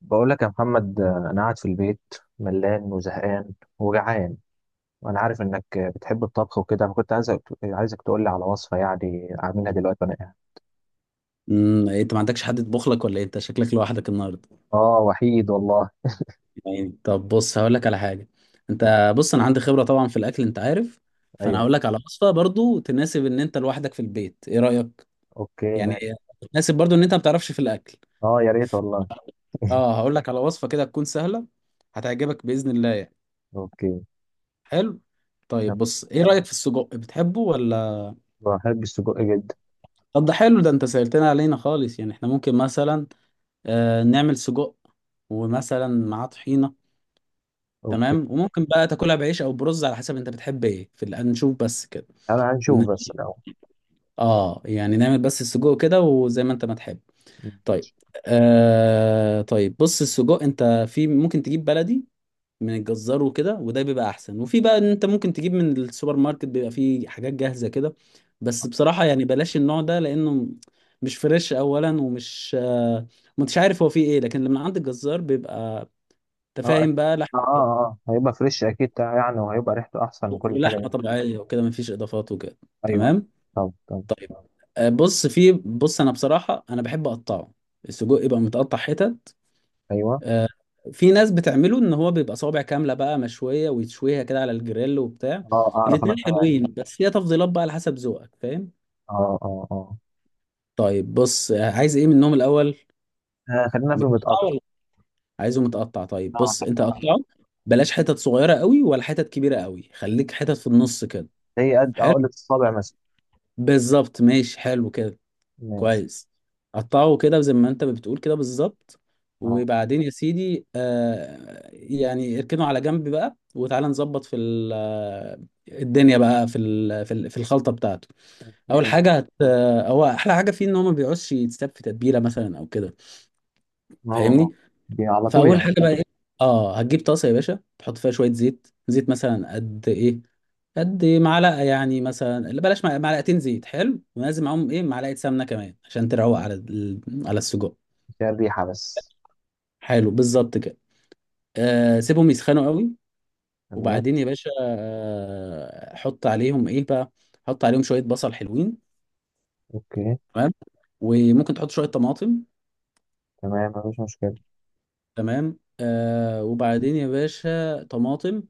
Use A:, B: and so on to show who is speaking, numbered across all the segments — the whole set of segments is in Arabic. A: بقول لك يا محمد، انا قاعد في البيت ملان وزهقان وجعان. وانا عارف انك بتحب الطبخ وكده، فكنت عايزك تقول لي على وصفه يعني اعملها دلوقتي وانا قاعد.
B: إيه، انت ما عندكش حد يطبخ لك ولا إيه؟ انت شكلك لوحدك النهارده.
A: اه، وحيد والله.
B: يعني طب بص، هقول لك على حاجه.
A: أه،
B: انت بص، انا عندي خبره طبعا في الاكل انت عارف. فانا
A: ايوه،
B: هقول لك على وصفه برضو تناسب ان انت لوحدك في البيت، ايه رايك؟
A: اوكي
B: يعني
A: مان.
B: تناسب برضو ان انت ما بتعرفش في الاكل.
A: اه يا ريت والله.
B: اه، هقول لك على وصفه كده تكون سهله، هتعجبك باذن الله يعني.
A: اوكي.
B: حلو.
A: طب
B: طيب بص، ايه رايك في السجق، بتحبه ولا؟
A: بحب السجق جدا.
B: طب ده حلو، ده انت سهلتنا علينا خالص يعني. احنا ممكن مثلا نعمل سجق، ومثلا معاه طحينه.
A: اوكي.
B: تمام. وممكن بقى تاكلها بعيش او برز على حسب انت بتحب ايه في الآن، نشوف بس كده.
A: انا
B: ن-
A: هنشوف بس الاول.
B: اه يعني نعمل بس السجق كده، وزي ما انت ما تحب. طيب. طيب بص، السجق انت في ممكن تجيب بلدي من الجزار وكده، وده بيبقى احسن. وفي بقى ان انت ممكن تجيب من السوبر ماركت، بيبقى فيه حاجات جاهزة كده. بس بصراحة يعني بلاش النوع ده، لانه مش فريش اولا، ومش مش عارف هو فيه ايه. لكن لما عند الجزار بيبقى
A: اه
B: تفاهم بقى لحم،
A: اه اه آه. هيبقى فريش اكيد يعني، وهيبقى ريحته احسن من كل حاجه
B: ولحمه
A: دي.
B: طبيعيه وكده، مفيش اضافات وكده.
A: ايوه.
B: تمام.
A: طب.
B: طيب بص انا بصراحه انا بحب اقطعه. السجق يبقى متقطع حتت.
A: ايوه.
B: آه، في ناس بتعمله ان هو بيبقى صوابع كامله بقى مشويه، ويتشويها كده على الجريل وبتاع.
A: اه اعرف انا
B: الاتنين
A: اه.
B: حلوين، بس هي تفضيلات بقى على حسب ذوقك، فاهم.
A: اه اه.
B: طيب بص، عايز ايه منهم الاول؟
A: خلينا في
B: متقطع
A: المتقطع.
B: ولا؟ عايزه متقطع. طيب بص انت
A: اه.
B: قطعه، بلاش حتت صغيره قوي، ولا حتت كبيره قوي، خليك حتت في النص كده.
A: زي قد
B: حلو،
A: عقلة الصابع مثلا.
B: بالظبط، ماشي، حلو كده،
A: ماشي.
B: كويس. قطعه كده زي ما انت بتقول كده بالظبط.
A: اه.
B: وبعدين يا سيدي يعني اركنه على جنب بقى، وتعالى نظبط في الدنيا بقى في في الخلطه بتاعته. اول
A: ايه.
B: حاجه هت آه، هو احلى حاجه فيه ان هو ما بيقعدش يتساب في تتبيله مثلا او كده،
A: اه اه.
B: فاهمني.
A: دي على طول
B: فاول
A: يعني.
B: حاجه بقى ايه؟ اه، هتجيب طاسه يا باشا، تحط فيها شويه زيت، زيت مثلا قد ايه؟ قد معلقه. يعني مثلا، لا بلاش، معلقتين زيت. حلو، ولازم معاهم ايه؟ معلقه سمنه كمان عشان تروق على على السجق.
A: فيها الريحة بس.
B: حلو، بالظبط كده. سيبهم يسخنوا قوي.
A: تمام.
B: وبعدين يا باشا حط عليهم ايه بقى؟ حط عليهم شويه بصل، حلوين.
A: اوكي
B: تمام. وممكن تحط شويه طماطم.
A: تمام، مفيش مشكلة.
B: تمام. وبعدين يا باشا طماطم.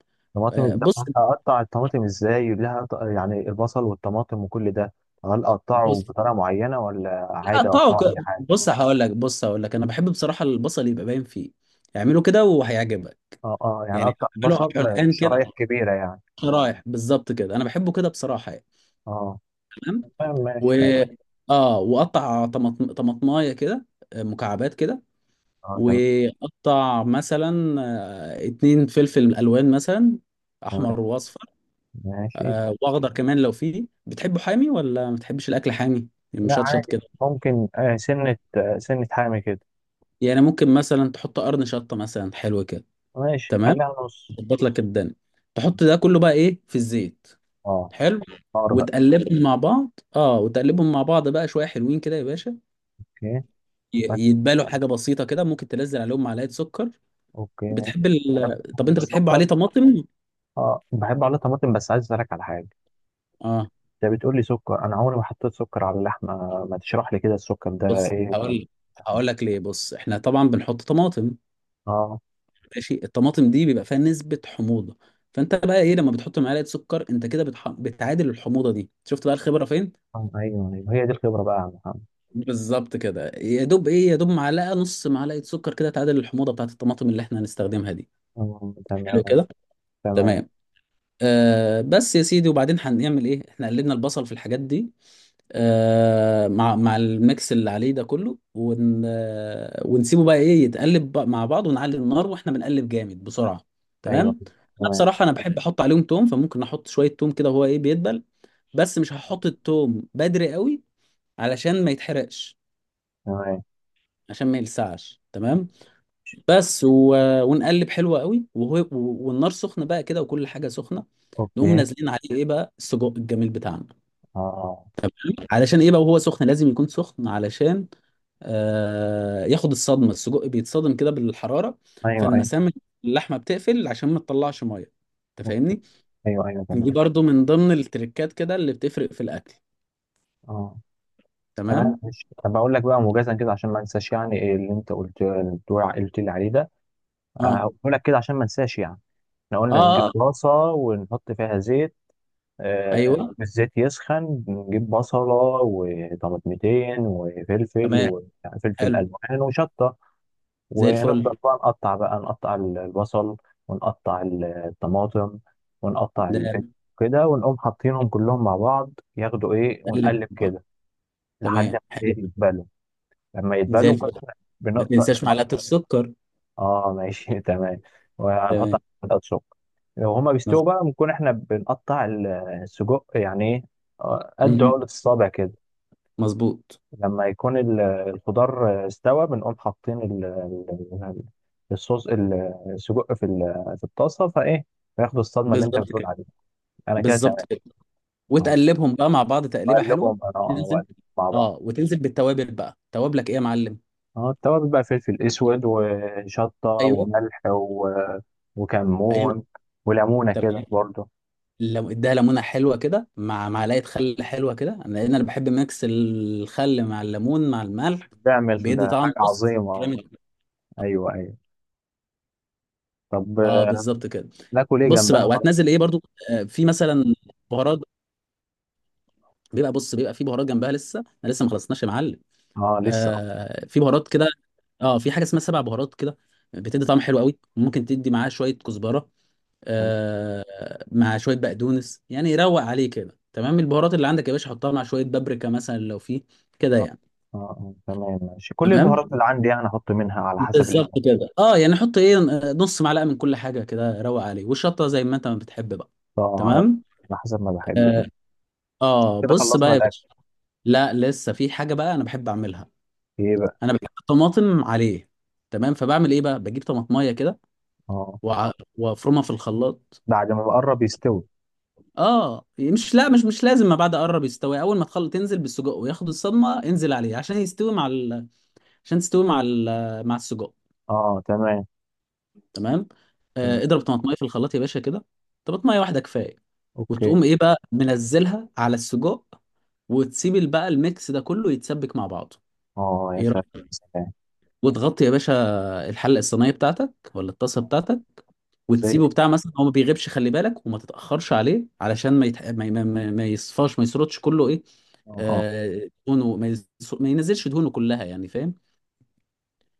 A: طماطم ده.
B: بص،
A: اقطع الطماطم ازاي، يقول لها يعني البصل والطماطم وكل ده؟ هل اقطعه
B: بص
A: بطريقة معينة ولا
B: لا
A: عادي اقطعه اي
B: طاقة،
A: حاجة؟
B: بص هقول لك، انا بحب بصراحه البصل يبقى باين فيه. اعمله كده وهيعجبك
A: اه اه، يعني
B: يعني.
A: اقطع
B: اعمله
A: بصل
B: الان كده،
A: شرايح كبيرة يعني.
B: شرايح، بالظبط كده، انا بحبه كده بصراحه يعني.
A: اه
B: تمام
A: تمام
B: و
A: ماشي تمام.
B: اه واقطع طماطمايه كده، مكعبات كده.
A: اه تمام
B: واقطع مثلا 2 فلفل الوان مثلا،
A: تمام
B: احمر واصفر.
A: ماشي.
B: واخضر كمان لو فيه. بتحبه حامي ولا ما بتحبش الاكل حامي؟ يعني
A: لا
B: مشطشط
A: عادي.
B: كده.
A: ممكن سنة سنة حامي كده.
B: يعني ممكن مثلا تحط قرن شطه مثلا، حلو كده.
A: ماشي
B: تمام،
A: خليها نص.
B: تظبط لك الدنيا. تحط ده كله بقى ايه في الزيت.
A: اه.
B: حلو،
A: خيار بقى.
B: وتقلبهم مع بعض بقى شويه، حلوين كده يا باشا.
A: اوكي. بس
B: يتبالوا حاجه بسيطه كده، ممكن تنزل عليهم معلقه سكر.
A: اوكي ماشي.
B: بتحب
A: طب
B: طب انت بتحبه
A: السكر.
B: عليه طماطم.
A: اه بحب عليه طماطم، بس عايز اسالك على حاجه.
B: اه،
A: انت بتقول لي سكر، انا عمري ما حطيت سكر على اللحمه. ما تشرح لي كده السكر ده
B: بص
A: ايه ده؟
B: هقول لك ليه. بص احنا طبعا بنحط طماطم،
A: اه،
B: ماشي. الطماطم دي بيبقى فيها نسبه حموضه، فانت بقى ايه لما بتحط معلقه سكر، انت كده بتعادل الحموضه دي. شفت بقى الخبره فين.
A: آه، ايوه ايوه، هي دي الخبره بقى يا عم محمد.
B: بالظبط كده. يا دوب ايه، يا دوب معلقه، نص معلقه سكر كده تعادل الحموضه بتاعت الطماطم اللي احنا هنستخدمها دي.
A: آه،
B: حلو
A: تمام.
B: كده.
A: تمام.
B: تمام. بس يا سيدي، وبعدين هنعمل ايه؟ احنا قلبنا البصل في الحاجات دي، مع الميكس اللي عليه ده كله، ون آه، ونسيبه بقى ايه يتقلب بقى مع بعض، ونعلي النار واحنا بنقلب جامد بسرعه. تمام.
A: ايوه.
B: انا
A: تمام.
B: بصراحه انا بحب احط عليهم توم، فممكن احط شويه توم كده، وهو ايه بيدبل. بس مش هحط التوم بدري قوي علشان ما يتحرقش،
A: تمام.
B: عشان ما يلسعش. تمام. بس ونقلب حلو قوي، وهو والنار سخنه بقى كده، وكل حاجه سخنه. نقوم
A: اوكي.
B: نازلين عليه ايه بقى؟ السجق الجميل بتاعنا.
A: اه.
B: علشان ايه بقى؟ وهو سخن، لازم يكون سخن علشان ياخد الصدمه. السجق بيتصدم كده بالحراره،
A: ايوه ايوه.
B: فالمسام اللحمه بتقفل عشان ما تطلعش ميه. انت
A: اوكي.
B: فاهمني.
A: ايوه ايوه
B: دي
A: تمام.
B: برضو من ضمن التريكات كده اللي بتفرق في الاكل.
A: اه تمام.
B: تمام.
A: مش طب اقول لك بقى موجزا كده، عشان ما انساش يعني إيه اللي انت قلت لي عليه ده.
B: اه.
A: هقوله لك كده عشان ما انساش يعني. احنا
B: اه.
A: قلنا نجيب
B: آه.
A: طاسة ونحط فيها زيت.
B: ايوه،
A: الزيت يسخن، نجيب بصلة وطماطمتين وفلفل
B: تمام، حلو،
A: ألوان وشطة.
B: زي الفل.
A: ونفضل بقى نقطع البصل، ونقطع الطماطم، ونقطع الفلفل
B: ده
A: كده. ونقوم حاطينهم كلهم مع بعض ياخدوا ايه،
B: اللي
A: ونقلب كده لحد
B: تمام،
A: ما
B: حلو
A: إيه يتبلوا. لما
B: زي
A: يتبلوا
B: الفل.
A: كده
B: ما
A: بنقطع.
B: تنساش معلقه السكر.
A: اه ماشي تمام. وهنحط
B: تمام،
A: على الشطة. لو هما بيستووا
B: مظبوط.
A: بقى، بنكون احنا بنقطع السجق يعني ايه، قد
B: مهم.
A: عقلة الصابع كده.
B: مظبوط.
A: لما يكون الخضار استوى، بنقوم حاطين ال- الصوص ال- السجق في في الطاسة، فايه، فياخدوا الصدمة اللي انت
B: بالظبط
A: بتقول
B: كده،
A: عليها. انا كده
B: بالظبط
A: تمام.
B: كده.
A: اه،
B: وتقلبهم بقى مع بعض تقليبه حلوه.
A: واقلبهم انا اه
B: تنزل
A: وأقلبهم مع بعض.
B: اه وتنزل بالتوابل بقى. توابلك ايه يا معلم؟
A: اه، التوابل بقى فلفل اسود وشطة
B: ايوه،
A: وملح و...
B: ايوه،
A: وكمون وليمونة
B: تمام.
A: كده برضو.
B: لو اديها ليمونه حلوه كده مع معلقه خل حلوه كده، لان انا بحب ميكس الخل مع الليمون مع الملح،
A: بيعمل
B: بيدي طعم
A: حاجة
B: بص
A: عظيمة.
B: جامد.
A: ايوه ايوه. طب
B: اه، بالظبط كده.
A: ناكل ايه
B: بص
A: جنبها
B: بقى،
A: طبعا.
B: وهتنزل ايه برضو؟ في مثلا بهارات. بيبقى في بهارات جنبها. لسه، انا لسه ما خلصناش يا معلم.
A: اه لسه اه.
B: في بهارات كده، اه، في حاجه اسمها سبع بهارات كده، بتدي طعم حلو قوي. ممكن تدي معاه شويه كزبره،
A: جنب-
B: مع شويه بقدونس، يعني يروق عليه كده. تمام. البهارات اللي عندك يا باشا حطها مع شويه بابريكا مثلا لو في، كده
A: اه
B: يعني.
A: اه، تمام ماشي، كل
B: تمام،
A: البهارات اللي عندي يعني احط منها على حسب ال...
B: بالظبط كده. اه، يعني حط ايه، نص معلقه من كل حاجه كده، روق عليه، والشطه زي ما انت ما بتحب بقى.
A: اه على
B: تمام.
A: على حسب ما بحب.
B: اه
A: تمام. كده
B: بص
A: خلصنا
B: بقى يا
A: الاكل.
B: باشا، لا لسه في حاجه بقى انا بحب اعملها.
A: ايه بقى.
B: انا بحب الطماطم عليه. تمام. فبعمل ايه بقى؟ بجيب طماطميه كده
A: اه
B: وع- وافرمها في الخلاط.
A: بعد ما بقرب يستوي.
B: اه يعني، مش لا مش لازم. ما بعد قرب يستوي، اول ما تخلط تنزل بالسجق وياخد الصدمه. انزل عليه عشان يستوي مع عشان تستوي مع مع السجق.
A: اه تمام.
B: تمام.
A: تمام
B: اضرب طماطميه في الخلاط يا باشا كده. طماطميه واحده كفايه.
A: اوكي.
B: وتقوم ايه بقى منزلها على السجق، وتسيب بقى الميكس ده كله يتسبك مع بعضه.
A: اه يا
B: ايه
A: سلام.
B: رايك؟
A: سلام.
B: وتغطي يا باشا الحله الصينيه بتاعتك ولا الطاسه
A: آه،
B: بتاعتك،
A: زي
B: وتسيبه
A: الفل.
B: بتاع مثلا. هو ما بيغيبش، خلي بالك، وما تتاخرش عليه، علشان ما يتح... ما, ي- ما, ما ما يصفاش، ما يسرطش كله. ايه،
A: اه اه
B: دهونه، ما ينزلش دهونه كلها يعني، فاهم.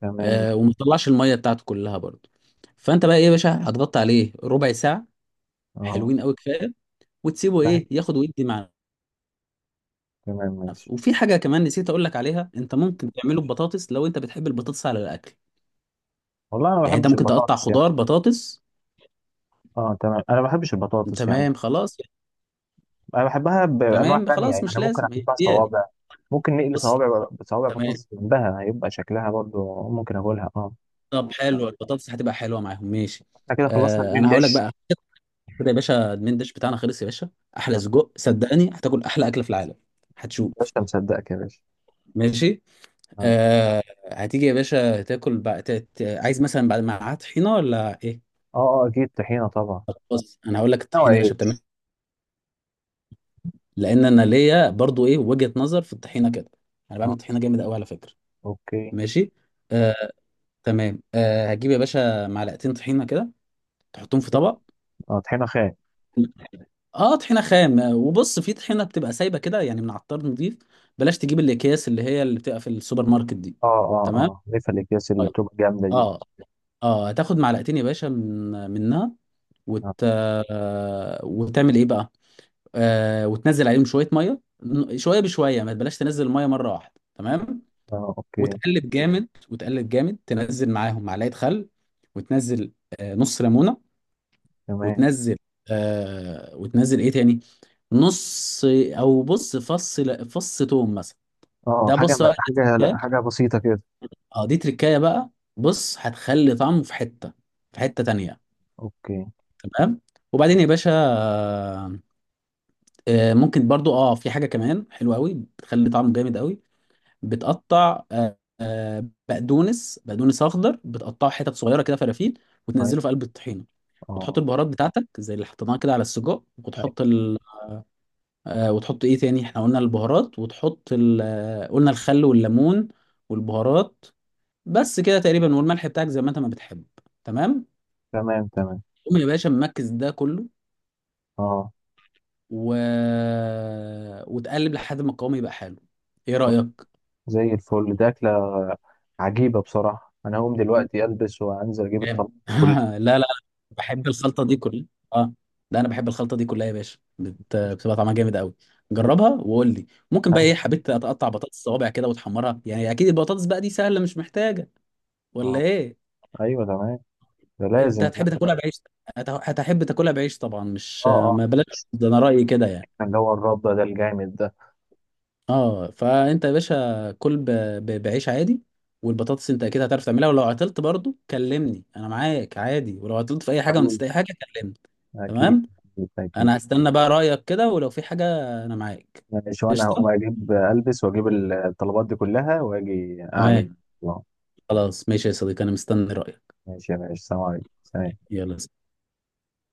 A: تمام.
B: وما يطلعش الميه بتاعته كلها برضه. فانت بقى ايه يا باشا؟ هتغطي عليه ربع ساعه،
A: اه
B: حلوين قوي، كفايه. وتسيبه
A: تمام
B: ايه ياخد ويدي مع
A: تمام ماشي.
B: نفسه. وفي حاجه كمان نسيت اقول لك عليها، انت ممكن تعمله ببطاطس لو انت بتحب البطاطس على الاكل.
A: والله انا ما
B: يعني انت
A: بحبش
B: ممكن تقطع
A: البطاطس يعني.
B: خضار بطاطس.
A: اه تمام، انا ما بحبش البطاطس يعني.
B: تمام، خلاص.
A: انا بحبها بانواع
B: تمام،
A: تانية
B: خلاص،
A: يعني،
B: مش
A: انا ممكن
B: لازم هي
A: احبها
B: هي.
A: صوابع. ممكن نقلي
B: بص،
A: بصوابع
B: تمام.
A: بطاطس جنبها هيبقى شكلها برضو ممكن اكلها. اه.
B: طب حلو، البطاطس هتبقى حلوه معاهم. ماشي.
A: احنا كده خلصنا المين
B: انا هقول لك
A: ديش.
B: بقى كده يا باشا، المين ديش بتاعنا خلص يا باشا. احلى
A: آه،
B: سجق، صدقني هتاكل احلى اكله في العالم، هتشوف.
A: باشا مصدقك يا باشا.
B: ماشي.
A: اه
B: آه هتيجي يا باشا تاكل بقى، عايز مثلا بعد معاها طحينه ولا ايه؟
A: اه، اكيد طحينه طبعا.
B: طب بص انا هقول لك
A: او
B: الطحينه يا باشا بتعمل،
A: عيش.
B: لان انا ليا برضو ايه وجهه نظر في الطحينه كده. انا بعمل
A: اه
B: طحينه جامد قوي على فكره.
A: اوكي.
B: ماشي. آه تمام. هتجيب يا باشا معلقتين طحينه كده، تحطهم في طبق.
A: اه طحينه خام.
B: اه، طحينه خام. وبص، في طحينه بتبقى سايبه كده يعني من عطار نضيف، بلاش تجيب الاكياس اللي بتبقى في السوبر ماركت دي.
A: اه اه
B: تمام.
A: اه، ليفه الاكياس اللي
B: طيب.
A: بتبقى جامده دي.
B: اه اه هتاخد معلقتين يا باشا منها، وت...
A: اه
B: آه، وتعمل ايه بقى؟ وتنزل عليهم شويه ميه، شويه بشويه، ما بلاش تنزل الميه مره واحده. تمام.
A: اه اوكي.
B: وتقلب جامد، وتقلب جامد، تنزل معاهم معلقه خل، وتنزل نص ليمونه.
A: تمام.
B: وتنزل وتنزل ايه تاني؟ نص، او بص، فص توم مثلا.
A: اه
B: ده
A: حاجه
B: بص بقى، ده
A: حاجه
B: تركاية.
A: حاجه بسيطه كده.
B: اه، دي تركاية بقى. بص هتخلي طعمه في حتة في حتة تانية.
A: اوكي
B: تمام. وبعدين يا باشا ممكن برضو في حاجة كمان حلوة قوي بتخلي طعمه جامد قوي. بتقطع بقدونس، اخضر، بتقطعه حتت صغيرة كده، فرافيل،
A: طيب.
B: وتنزله في قلب الطحينة. وتحط
A: اه
B: البهارات بتاعتك زي اللي حطيناها كده على السجق. وتحط
A: ايوه
B: وتحط ايه تاني؟ احنا قلنا البهارات، وتحط قلنا الخل والليمون والبهارات، بس كده تقريبا. والملح بتاعك زي ما انت ما بتحب. تمام.
A: تمام تمام تمام.
B: قوم يا باشا مركز ده كله
A: اه
B: و... آه، وتقلب لحد ما القوام يبقى حلو. ايه رأيك؟
A: زي الفل. دي أكلة عجيبة بصراحة. أنا هقوم دلوقتي ألبس وأنزل أجيب الطلبات
B: جامد
A: كلها.
B: لا، لا، بحب الخلطة دي كلها. اه، ده انا بحب الخلطة دي كلها يا باشا، بت... آه، بتبقى طعمها جامد قوي.
A: أنا
B: جربها وقول لي. ممكن بقى ايه،
A: هنزل.
B: حبيت اتقطع بطاطس صوابع كده وتحمرها، يعني اكيد البطاطس بقى دي سهلة مش محتاجة ولا
A: أه،
B: ايه.
A: أيوه تمام. ده
B: انت
A: لازم
B: هتحب
A: يعني.
B: تاكلها بعيش؟ هتحب تاكلها بعيش طبعا، مش
A: أه أه.
B: ما بلاش، ده انا رايي كده يعني.
A: اللي هو الرده ده الجامد ده.
B: اه، فانت يا باشا كل بعيش عادي. والبطاطس انت اكيد هتعرف تعملها، ولو عطلت برضو كلمني انا معاك عادي، ولو عطلت في اي حاجه ونسيت
A: حبيبي.
B: اي حاجه كلمني.
A: أكيد.
B: تمام.
A: أكيد.
B: انا هستنى بقى رايك كده، ولو في حاجه انا معاك.
A: ماشي، وأنا
B: قشطه.
A: هقوم أجيب ألبس وأجيب الطلبات دي كلها وأجي أعمل.
B: تمام،
A: أه.
B: خلاص، ماشي يا صديقي، انا مستني رايك.
A: ماشي يا باشا، سلام عليكم. سلام.
B: يلا